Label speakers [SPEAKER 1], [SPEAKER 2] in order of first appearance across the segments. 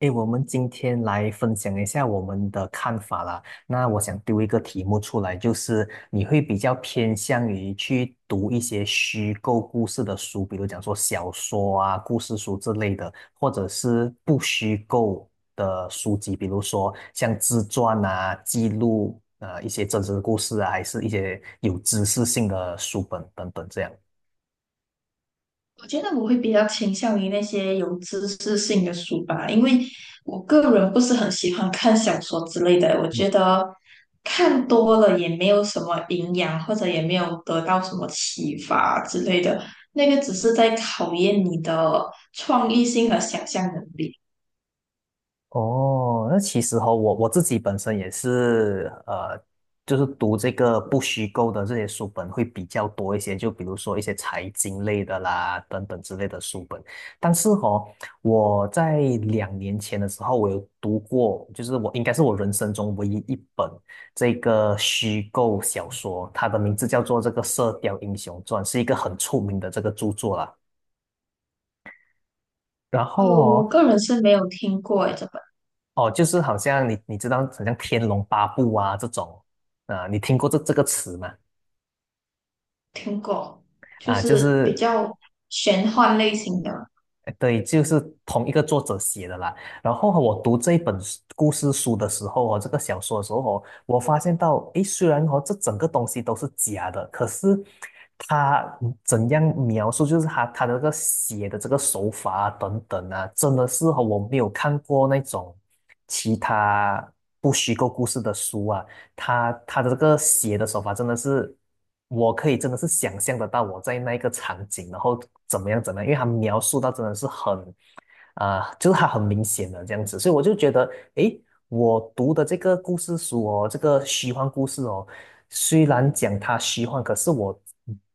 [SPEAKER 1] 诶，我们今天来分享一下我们的看法啦。那我想丢一个题目出来，就是你会比较偏向于去读一些虚构故事的书，比如讲说小说啊、故事书之类的，或者是不虚构的书籍，比如说像自传啊、记录一些真实的故事啊，还是一些有知识性的书本等等这样。
[SPEAKER 2] 我觉得我会比较倾向于那些有知识性的书吧，因为我个人不是很喜欢看小说之类的，我觉得看多了也没有什么营养，或者也没有得到什么启发之类的，那个只是在考验你的创意性和想象能力。
[SPEAKER 1] 哦，那其实哈、我自己本身也是，就是读这个不虚构的这些书本会比较多一些，就比如说一些财经类的啦，等等之类的书本。但是哈、我在两年前的时候，我有读过，就是我应该是我人生中唯一一本这个虚构小说，它的名字叫做这个《射雕英雄传》，是一个很出名的这个著作啦。然后
[SPEAKER 2] 哦，我
[SPEAKER 1] 哦，
[SPEAKER 2] 个人是没有听过诶，这本
[SPEAKER 1] 哦，就是好像你知道，好像《天龙八部》啊这种啊，你听过这个词吗？
[SPEAKER 2] 听过，就
[SPEAKER 1] 啊，就
[SPEAKER 2] 是比
[SPEAKER 1] 是
[SPEAKER 2] 较玄幻类型的。
[SPEAKER 1] 对，就是同一个作者写的啦。然后哦我读这一本故事书的时候哦，这个小说的时候哦，我发现到，诶，虽然哦这整个东西都是假的，可是他怎样描述，就是他的这个写的这个手法啊等等啊，真的是和我没有看过那种其他不虚构故事的书啊。他的这个写的手法真的是，我可以真的是想象得到我在那一个场景，然后怎么样怎么样，因为他描述到真的是很就是他很明显的这样子，所以我就觉得，诶，我读的这个故事书哦，这个虚幻故事哦，虽然讲它虚幻，可是我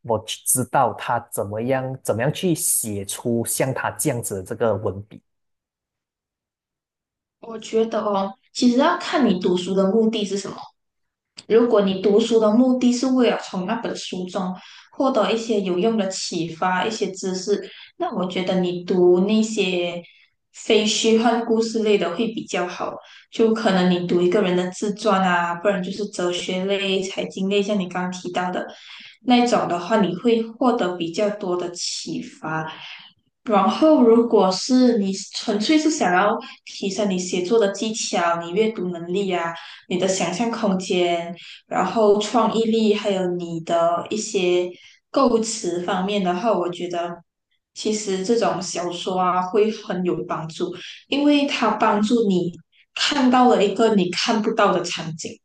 [SPEAKER 1] 我知道他怎么样怎么样去写出像他这样子的这个文笔。
[SPEAKER 2] 我觉得哦，其实要看你读书的目的是什么。如果你读书的目的是为了从那本书中获得一些有用的启发、一些知识，那我觉得你读那些非虚幻故事类的会比较好。就可能你读一个人的自传啊，不然就是哲学类、财经类，像你刚刚提到的那种的话，你会获得比较多的启发。然后，如果是你纯粹是想要提升你写作的技巧、你阅读能力啊、你的想象空间。然后创意力，还有你的一些构词方面的话，我觉得其实这种小说啊会很有帮助，因为它帮助你看到了一个你看不到的场景，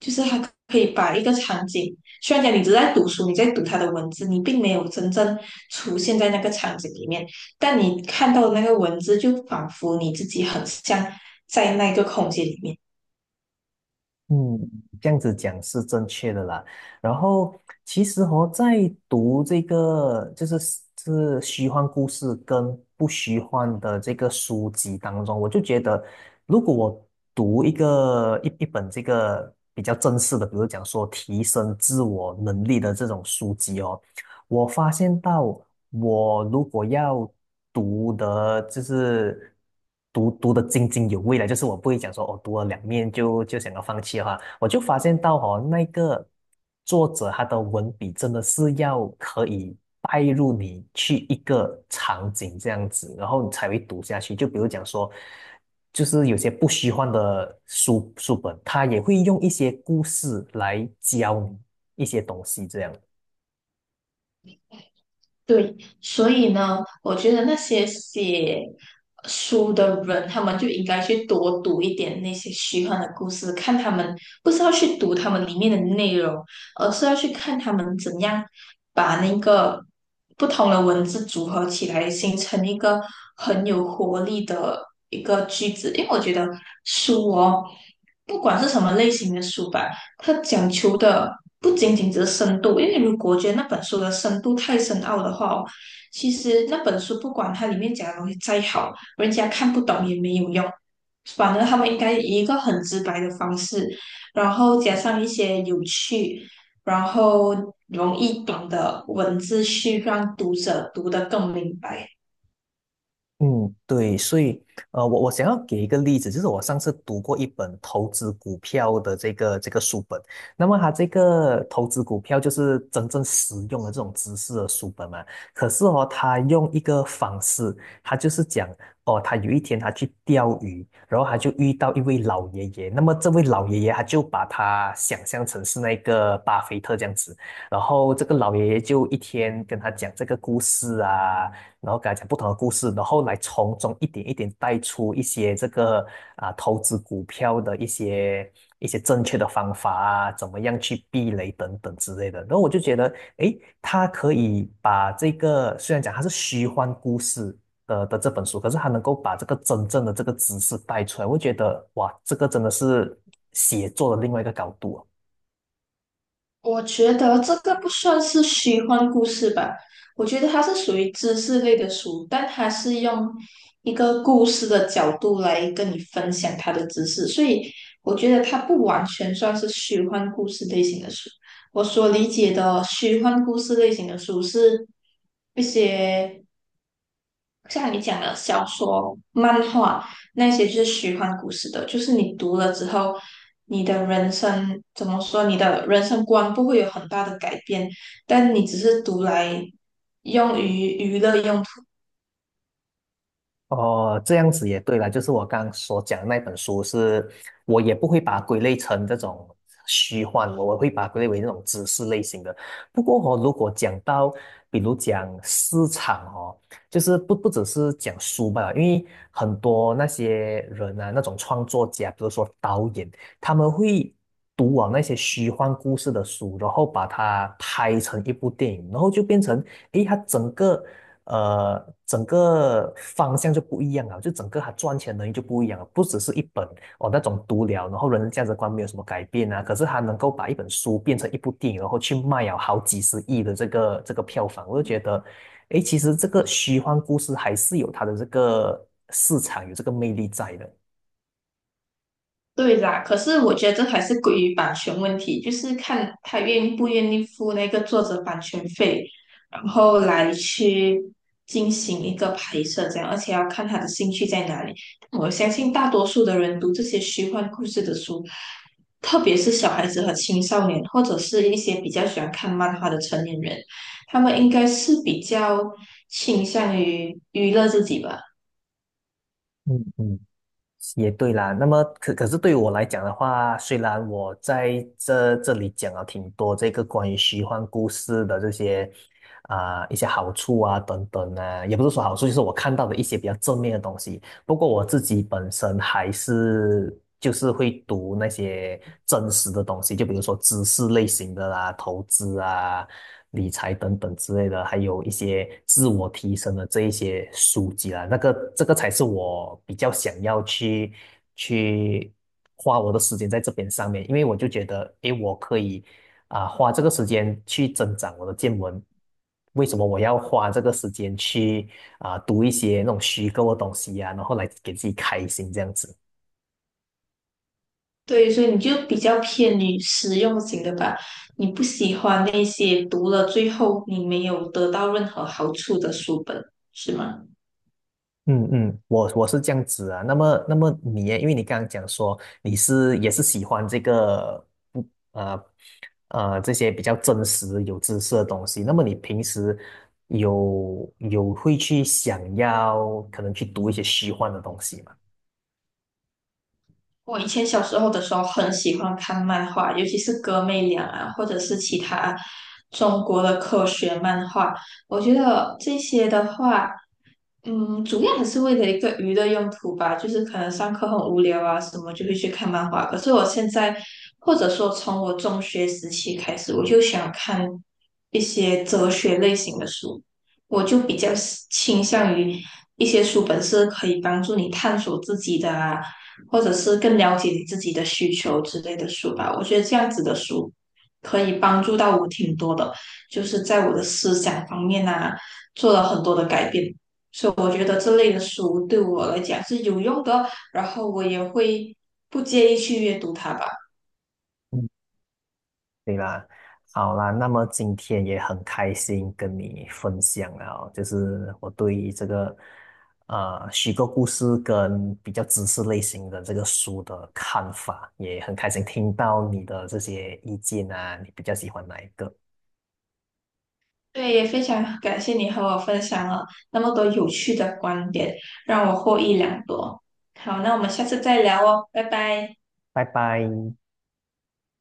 [SPEAKER 2] 就是它可以把一个场景，虽然讲你只是在读书，你在读它的文字，你并没有真正出现在那个场景里面，但你看到的那个文字，就仿佛你自己很像在那个空间里面。
[SPEAKER 1] 嗯，这样子讲是正确的啦。然后其实哦，在读这个就是是虚幻故事跟不虚幻的这个书籍当中，我就觉得，如果我读一个一本这个比较正式的，比如讲说提升自我能力的这种书籍哦，我发现到，我如果要读的，就是读的津津有味了，就是我不会讲说，哦，读了两面就想要放弃的话，我就发现到哦，那个作者他的文笔真的是要可以带入你去一个场景这样子，然后你才会读下去。就比如讲说，就是有些不虚幻的书本，他也会用一些故事来教你一些东西这样。
[SPEAKER 2] 对，所以呢，我觉得那些写书的人，他们就应该去多读一点那些虚幻的故事，看他们不是要去读他们里面的内容，而是要去看他们怎样把那个不同的文字组合起来，形成一个很有活力的一个句子。因为我觉得书哦，不管是什么类型的书吧。它讲求的不仅仅只是深度，因为如果我觉得那本书的深度太深奥的话哦，其实那本书不管它里面讲的东西再好，人家看不懂也没有用。反而他们应该以一个很直白的方式，然后加上一些有趣，然后容易懂的文字，去让读者读得更明白。
[SPEAKER 1] 嗯，对，所以，我想要给一个例子，就是我上次读过一本投资股票的这个书本，那么它这个投资股票就是真正实用的这种知识的书本嘛。可是哦，他用一个方式，他就是讲哦，他有一天他去钓鱼，然后他就遇到一位老爷爷，那么这位老爷爷他就把他想象成是那个巴菲特这样子，然后这个老爷爷就一天跟他讲这个故事啊。然后给他讲不同的故事，然后来从中一点一点带出一些这个啊投资股票的一些正确的方法啊，怎么样去避雷等等之类的。然后我就觉得，诶，他可以把这个虽然讲他是虚幻故事。的的这本书，可是他能够把这个真正的这个知识带出来，我觉得哇，这个真的是写作的另外一个高度啊。
[SPEAKER 2] 我觉得这个不算是虚幻故事吧，我觉得它是属于知识类的书，但它是用一个故事的角度来跟你分享它的知识，所以我觉得它不完全算是虚幻故事类型的书。我所理解的虚幻故事类型的书是一些。像你讲的小说、漫画那些，就是虚幻故事的，就是你读了之后，你的人生怎么说，你的人生观不会有很大的改变，但你只是读来用于娱乐用。
[SPEAKER 1] 哦，这样子也对了，就是我刚刚所讲的那本书是，我也不会把它归类成这种虚幻，我会把它归类为那种知识类型的。不过哦，如果讲到，比如讲市场哦，就是不只是讲书吧，因为很多那些人啊，那种创作家，比如说导演，他们会读完那些虚幻故事的书，然后把它拍成一部电影，然后就变成，诶，它整个。呃，整个方向就不一样了，就整个他赚钱能力就不一样了，不只是一本哦那种读了，然后人的价值观没有什么改变啊，可是他能够把一本书变成一部电影，然后去卖了好几十亿的这个票房，我就觉得，诶，其实这个虚幻故事还是有它的这个市场，有这个魅力在的。
[SPEAKER 2] 对啦，可是我觉得这还是归于版权问题，就是看他愿不愿意付那个作者版权费，然后来去进行一个拍摄这样，而且要看他的兴趣在哪里。我相信大多数的人读这些虚幻故事的书，特别是小孩子和青少年，或者是一些比较喜欢看漫画的成年人，他们应该是比较倾向于娱乐自己吧。
[SPEAKER 1] 嗯嗯。也对啦，那么可是对我来讲的话，虽然我在这里讲了挺多这个关于虚幻故事的这些啊、一些好处啊等等啊，也不是说好处，就是我看到的一些比较正面的东西。不过我自己本身还是就是会读那些真实的东西，就比如说知识类型的啦、投资啊、理财等等之类的，还有一些自我提升的这一些书籍啦。那个这个才是我比较想要去去花我的时间在这边上面，因为我就觉得，诶，我可以啊，花这个时间去增长我的见闻？为什么我要花这个时间去啊读一些那种虚构的东西呀、然后来给自己开心这样子？
[SPEAKER 2] 对，所以你就比较偏于实用型的吧，你不喜欢那些读了最后你没有得到任何好处的书本，是吗？
[SPEAKER 1] 嗯嗯，我是这样子啊。那么那么你耶，因为你刚刚讲说你是也是喜欢这个不呃呃这些比较真实有知识的东西，那么你平时有会去想要可能去读一些虚幻的东西吗？
[SPEAKER 2] 我以前小时候的时候很喜欢看漫画，尤其是哥妹俩啊，或者是其他中国的科学漫画。我觉得这些的话，嗯，主要还是为了一个娱乐用途吧，就是可能上课很无聊啊，什么就会去看漫画。可是我现在，或者说从我中学时期开始，我就想看一些哲学类型的书。我就比较倾向于一些书本是可以帮助你探索自己的啊，或者是更了解你自己的需求之类的书吧。我觉得这样子的书可以帮助到我挺多的，就是在我的思想方面啊，做了很多的改变。所以我觉得这类的书对我来讲是有用的，然后我也会不介意去阅读它吧。
[SPEAKER 1] 对啦，好啦，那么今天也很开心跟你分享了哦，就是我对于这个呃虚构故事跟比较知识类型的这个书的看法，也很开心听到你的这些意见啊，你比较喜欢哪一个？
[SPEAKER 2] 对，也非常感谢你和我分享了那么多有趣的观点，让我获益良多。好，那我们下次再聊哦，拜拜。
[SPEAKER 1] 拜拜。